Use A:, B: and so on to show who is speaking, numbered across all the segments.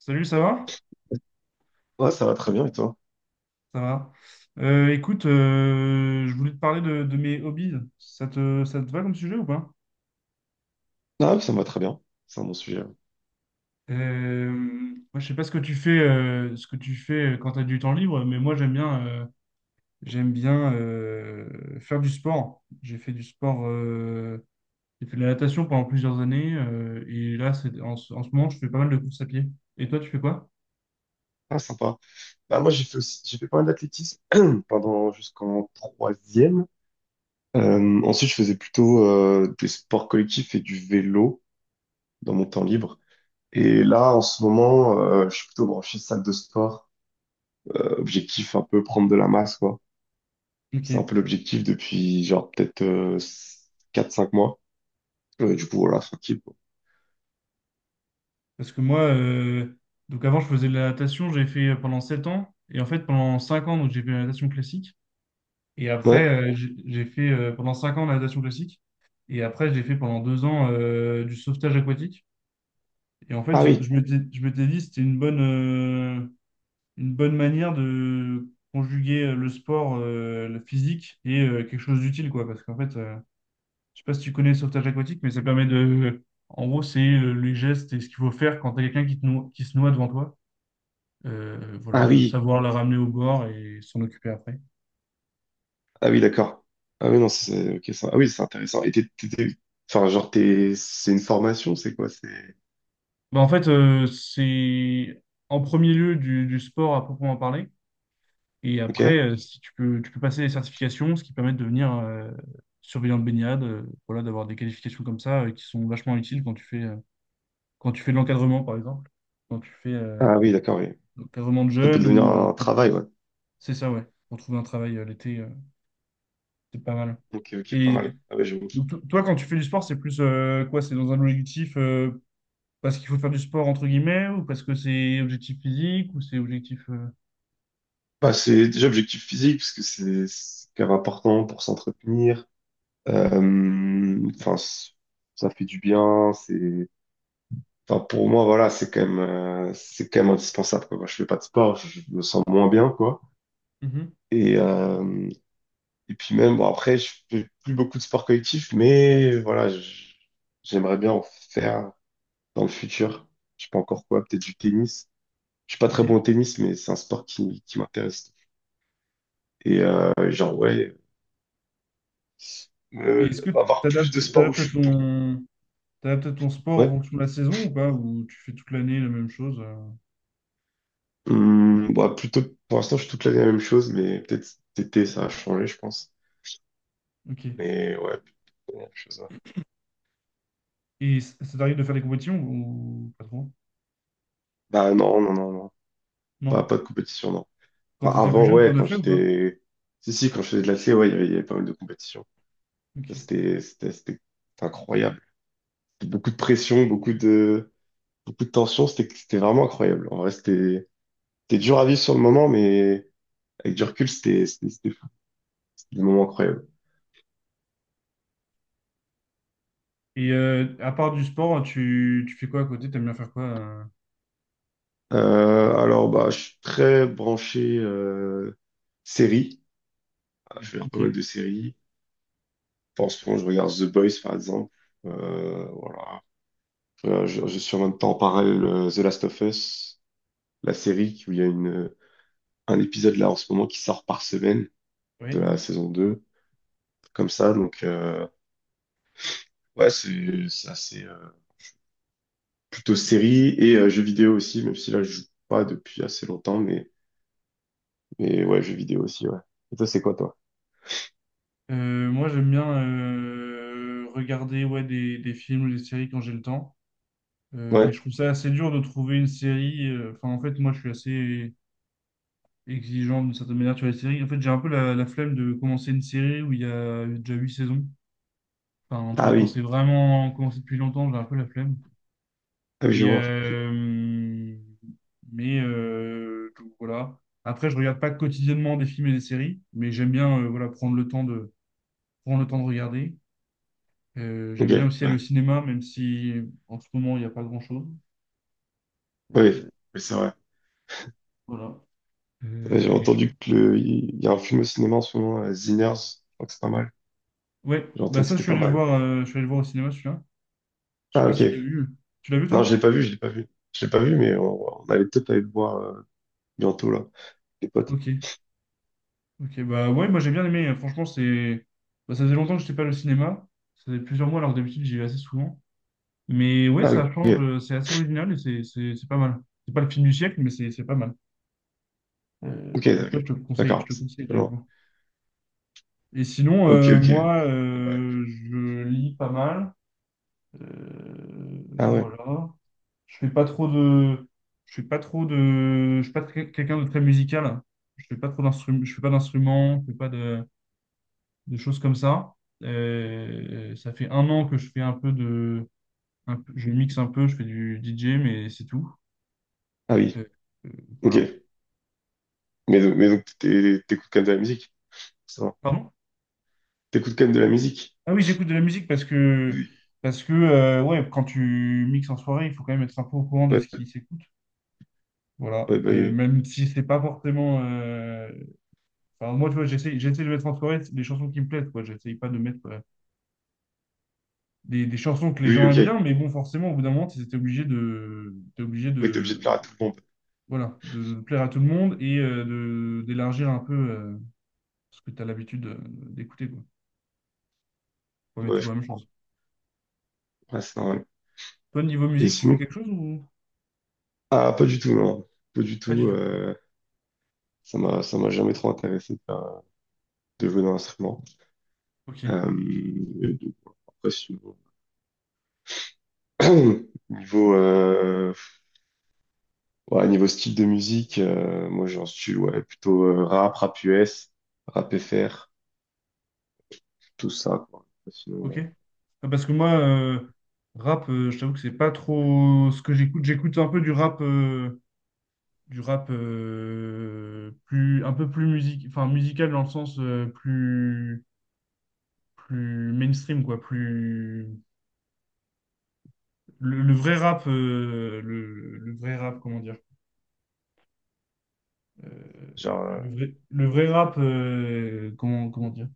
A: Salut, ça va?
B: Ouais, ça va très bien, et toi?
A: Ça va. Écoute, je voulais te parler de mes hobbies. Ça te va comme sujet ou pas?
B: Ah, oui, ça me va très bien. C'est un bon sujet.
A: Moi, je sais pas ce que tu fais, ce que tu fais quand tu as du temps libre, mais moi, j'aime bien faire du sport. J'ai fait du sport. J'ai fait de la natation pendant plusieurs années. Et là, c'est, en ce moment, je fais pas mal de courses à pied. Et toi, tu fais quoi?
B: Ah, sympa. Bah, moi, j'ai fait pas mal d'athlétisme pendant jusqu'en troisième. Ensuite, je faisais plutôt des sports collectifs et du vélo dans mon temps libre. Et là, en ce moment, je suis plutôt branché salle de sport. Objectif un peu prendre de la masse, quoi. C'est un peu
A: Ok.
B: l'objectif depuis genre peut-être 4-5 mois. Du coup, voilà, tranquille, quoi.
A: Parce que moi, donc avant, je faisais de la natation, j'ai fait pendant 7 ans. Et en fait, pendant 5 ans, donc j'ai fait la natation classique. Et après,
B: Ouais.
A: j'ai fait pendant 5 ans la natation classique. Et après, j'ai fait pendant 2 ans du sauvetage aquatique. Et en fait,
B: Ah
A: je
B: oui.
A: m'étais, je m'étais dit, c'était une bonne manière de conjuguer le sport, le physique et quelque chose d'utile, quoi. Parce qu'en fait, je sais pas si tu connais le sauvetage aquatique, mais ça permet de... En gros, c'est les gestes et ce qu'il faut faire quand t'as quelqu'un qui se noie devant toi.
B: Ah
A: Voilà,
B: oui.
A: savoir la ramener au bord et s'en occuper après.
B: Ah oui, d'accord. Ah oui, non, c'est ok, ça. Ah oui, c'est intéressant. Et enfin, genre, c'est une formation, c'est quoi? C'est.
A: Bah, en fait, c'est en premier lieu du sport à proprement parler. Et après,
B: Ok.
A: si tu peux, tu peux passer des certifications, ce qui permet de devenir surveillant de baignade. Voilà, d'avoir des qualifications comme ça qui sont vachement utiles quand tu fais de l'encadrement, par exemple, quand tu fais
B: Ah oui, d'accord, oui.
A: de l'encadrement de
B: Ça peut
A: jeunes
B: devenir
A: ou
B: un travail, ouais.
A: c'est ça, ouais, pour trouver un travail l'été, c'est pas mal.
B: Ok, ok, pas
A: Et
B: mal. Ah ouais, j'avoue.
A: donc, toi, quand tu fais du sport, c'est plus quoi? C'est dans un objectif, parce qu'il faut faire du sport entre guillemets, ou parce que c'est objectif physique, ou c'est objectif.
B: Bah, c'est déjà objectif physique, parce que c'est quand même important pour s'entretenir. Enfin, ça fait du bien. Enfin, pour moi, voilà, c'est quand même indispensable, quoi. Moi, je fais pas de sport, je me sens moins bien, quoi.
A: Mhm.
B: Et, euh, Et puis même, bon, après, je fais plus beaucoup de sports collectifs, mais voilà, j'aimerais bien en faire dans le futur. Je sais pas encore quoi, peut-être du tennis. Je suis pas
A: Ok.
B: très bon au tennis, mais c'est un sport qui m'intéresse. Genre, ouais,
A: Et est-ce que tu
B: avoir plus
A: t'adaptes,
B: de sports où
A: t'adaptes à
B: je suis bon.
A: ton, t'adaptes à ton sport en
B: Ouais.
A: fonction de la saison ou pas? Ou tu fais toute l'année la même chose?
B: Bah, plutôt, pour l'instant, je suis toute l'année la même chose, mais peut-être cet été, ça a changé, je pense.
A: Ok.
B: Mais ouais, plutôt la même chose. Ouais.
A: Et ça t'arrive de faire des compétitions ou pas trop?
B: Bah non, non, non, non. Pas,
A: Non.
B: pas de compétition, non.
A: Quand
B: Enfin,
A: t'étais plus
B: avant,
A: jeune,
B: ouais,
A: t'en as
B: quand
A: fait ou pas?
B: j'étais. Si, si, quand je faisais de l'athlé, ouais, il y avait pas mal de compétitions.
A: Ok.
B: C'était incroyable. Beaucoup de pression, beaucoup de tension. C'était vraiment incroyable. En vrai, c'était dur à vivre sur le moment, mais avec du recul, c'était fou. C'était des moments incroyables.
A: Et à part du sport, tu fais quoi à côté? T'aimes bien faire quoi? Ok.
B: Alors, bah, je suis très branché séries. Je regarde pas mal
A: Ok.
B: de séries. Enfin, en ce moment, je regarde The Boys, par exemple. Voilà. Je suis en même temps en parallèle The Last of Us, la série où il y a un épisode là en ce moment qui sort par semaine de
A: Oui.
B: la saison 2 comme ça. Donc, ouais, c'est assez plutôt série et jeux vidéo aussi, même si là, je joue pas depuis assez longtemps, mais ouais, jeux vidéo aussi, ouais. Et toi, c'est quoi, toi?
A: Moi, j'aime bien regarder, ouais, des films ou des séries quand j'ai le temps. Mais
B: Ouais.
A: je trouve ça assez dur de trouver une série. Enfin, en fait, moi, je suis assez exigeant d'une certaine manière sur les séries. En fait, j'ai un peu la flemme de commencer une série où il y a déjà huit saisons. Enfin, tu
B: Ah
A: vois, quand
B: oui,
A: c'est vraiment commencé depuis longtemps, j'ai un peu la flemme.
B: ah oui, je
A: Et
B: vois.
A: euh, donc, voilà. Après, je regarde pas quotidiennement des films et des séries, mais j'aime bien, voilà, prendre le temps de regarder.
B: Ok,
A: J'aime bien aussi aller
B: ouais.
A: au cinéma, même si en ce moment il n'y a pas grand-chose.
B: Oui,
A: Euh,
B: oui, c'est vrai.
A: voilà.
B: Ouais, j'ai
A: Et je
B: entendu il y a un film au cinéma en ce moment, Sinners. Je crois que c'est pas mal.
A: Ouais,
B: J'ai
A: bah
B: entendu que
A: ça,
B: c'était pas mal, mais.
A: je suis allé le voir au cinéma, celui-là. Je sais
B: Ah,
A: pas si
B: ok.
A: tu l'as vu. Tu l'as vu,
B: Non, je
A: toi?
B: l'ai pas vu, je l'ai pas vu. Je l'ai pas vu, mais on allait peut-être aller le voir bientôt, là, les potes.
A: Ok. Ok, bah ouais, moi j'ai bien aimé. Franchement, bah, ça faisait longtemps que je n'étais pas allé au cinéma. Ça faisait plusieurs mois, alors que d'habitude, j'y vais assez souvent. Mais ouais,
B: Ah, oui,
A: ça change,
B: ok.
A: c'est assez original et c'est pas mal. C'est pas le film du siècle, mais c'est pas mal.
B: Ok,
A: Donc ouais,
B: ok.
A: je
B: D'accord.
A: te conseille de le
B: Alors.
A: voir. Et sinon,
B: Ok, ok.
A: moi,
B: Bon, bah.
A: je lis pas mal. Euh,
B: Ah ouais.
A: voilà. Je fais pas trop de. Je suis pas trop de. Je suis pas très- quelqu'un de très musical. Je fais pas trop d'instruments. Je fais pas d'instruments. Je fais pas de choses comme ça. Ça fait un an que je fais un peu de. Je mixe un peu. Je fais du DJ, mais c'est tout.
B: Ah oui.
A: Euh, euh,
B: Ok.
A: voilà.
B: Mais donc, t'écoutes quand même de la musique. Ça va.
A: Pardon?
B: T'écoutes quand même de la musique.
A: Ah oui, j'écoute de la musique parce que
B: Oui.
A: parce que euh, ouais, quand tu mixes en soirée, il faut quand même être un peu au courant de ce
B: Ouais.
A: qui s'écoute. Voilà.
B: Ouais, bah oui.
A: Même si c'est pas forcément. Enfin, moi, tu vois, j'essaie de mettre en soirée les chansons qui me plaisent, quoi. J'essaye pas de mettre des chansons que les
B: Oui, oui,
A: gens aiment
B: ok.
A: bien, mais bon, forcément, au bout d'un moment, t'es obligé de, t'es obligé
B: Oui, t'es obligé de plaire à
A: de,
B: tout le monde.
A: voilà, de, de plaire à tout le monde et d'élargir un peu ce que tu as l'habitude d'écouter, quoi. Faut pas mettre
B: Ouais,
A: toujours
B: je
A: la même
B: comprends.
A: chose.
B: Ouais, c'est normal.
A: Toi, niveau
B: Et
A: musique, tu fais
B: sinon?
A: quelque chose ou
B: Ah, pas du tout, non. Pas du
A: pas du
B: tout.
A: tout?
B: Ça m'a jamais trop intéressé de jouer d'un instrument.
A: Ok,
B: Euh, et donc, après, niveau, euh, ouais, niveau style de musique, moi, j'en suis, ouais, plutôt rap, rap US, rap FR, tout ça, quoi.
A: ok.
B: Sinon,
A: Ah, parce que moi, rap, je t'avoue que c'est pas trop ce que j'écoute. J'écoute un peu du rap, du rap plus, un peu plus musique, enfin, musical dans le sens plus mainstream, quoi, plus... Le vrai rap, le vrai rap, comment dire? euh,
B: genre.
A: le vrai rap, comment dire?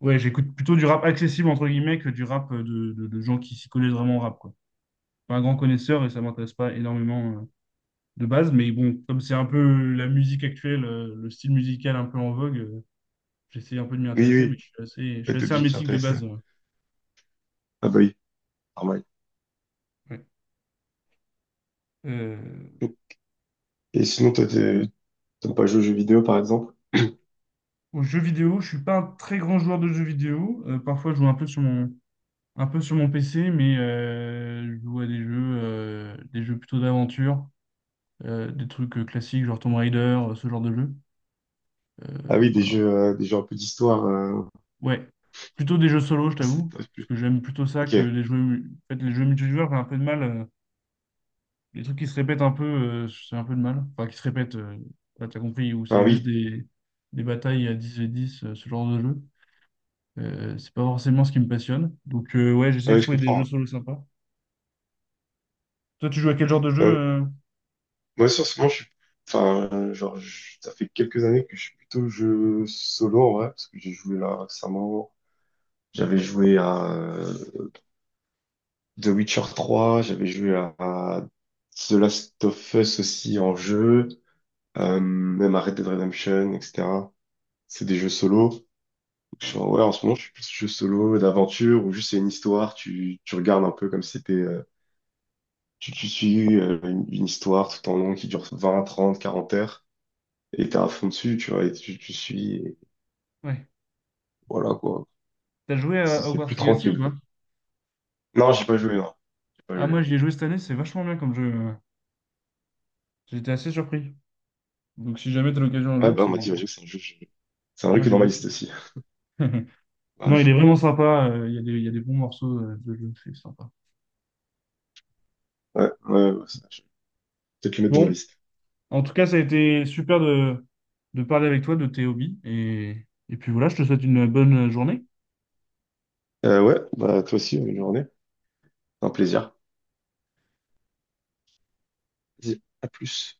A: Ouais, j'écoute plutôt du rap accessible, entre guillemets, que du rap de gens qui s'y connaissent vraiment en rap, quoi. Pas un grand connaisseur et ça m'intéresse pas énormément, de base, mais bon, comme c'est un peu la musique actuelle, le style musical un peu en vogue. J'essaie un peu de m'y
B: Oui,
A: intéresser,
B: oui,
A: mais je
B: ouais,
A: suis
B: t'es
A: assez
B: obligé de
A: hermétique de
B: t'intéresser. Ouais.
A: base,
B: Ah bah oui, normal.
A: ouais. Euh,
B: Et sinon, toi, t'aimes pas jouer aux jeux vidéo, par exemple?
A: Aux jeux vidéo, je suis pas un très grand joueur de jeux vidéo. Parfois, je joue un peu sur mon PC, mais je joue à des jeux plutôt d'aventure, des trucs classiques, genre Tomb Raider, ce genre de jeu.
B: Ah oui,
A: Voilà.
B: des jeux un peu d'histoire,
A: Ouais. Plutôt des jeux solo, je
B: ah, ça
A: t'avoue,
B: t'intéresse
A: parce
B: plus.
A: que j'aime plutôt ça
B: Ok,
A: que les en fait, les jeux multijoueurs, j'ai un peu de mal. Les trucs qui se répètent un peu, j'ai un peu de mal. Enfin, qui se répètent, bah, t'as compris, où c'est
B: enfin
A: juste
B: oui,
A: des batailles à 10 et 10, ce genre de jeu. C'est pas forcément ce qui me passionne. Donc, ouais,
B: ah
A: j'essaie de
B: ouais, je
A: trouver des jeux
B: comprends.
A: solo sympas. Toi, tu joues à quel genre de jeu
B: Ouais.
A: euh
B: Moi, sur ce moment, je suis, enfin, genre, ça fait quelques années que je suis plutôt jeu solo, en vrai, parce que j'ai joué là récemment. J'avais joué à The Witcher 3, j'avais joué à The Last of Us aussi en jeu, même à Red Dead Redemption, etc. C'est des jeux solo. je suis
A: Ouais.
B: en- ouais, en ce moment, je suis plus jeu solo d'aventure où juste c'est une histoire, tu regardes un peu comme si c'était, tu suis une une histoire tout en long qui dure 20 30 40 heures et t'es à fond dessus, tu vois, et tu suis, et
A: Ouais.
B: voilà quoi.
A: T'as joué
B: C'est
A: à
B: c'est
A: Hogwarts
B: plus
A: Legacy ou
B: tranquille
A: pas?
B: quoi. Non, j'ai pas joué, non, j'ai pas
A: Ah,
B: joué.
A: moi, j'y ai joué cette année, c'est vachement bien comme jeu. J'étais assez surpris. Donc, si jamais t'as l'occasion un
B: Ouais,
A: jour,
B: bah, on
A: c'est.
B: m'a
A: Moi,
B: dit, ouais, c'est un jeu, c'est un jeu qui est
A: j'ai
B: dans
A: beaucoup.
B: ma liste aussi. Ouais,
A: Non, il est vraiment sympa. Il y a des bons morceaux de jeu, c'est sympa.
B: ouais, ouais, ouais, ça, je vais peut-être le mettre dans ma
A: Bon,
B: liste.
A: en tout cas, ça a été super de parler avec toi de tes hobbies. Et puis voilà, je te souhaite une bonne journée.
B: Ouais, bah toi aussi, bonne journée. Un plaisir. Vas-y, à plus.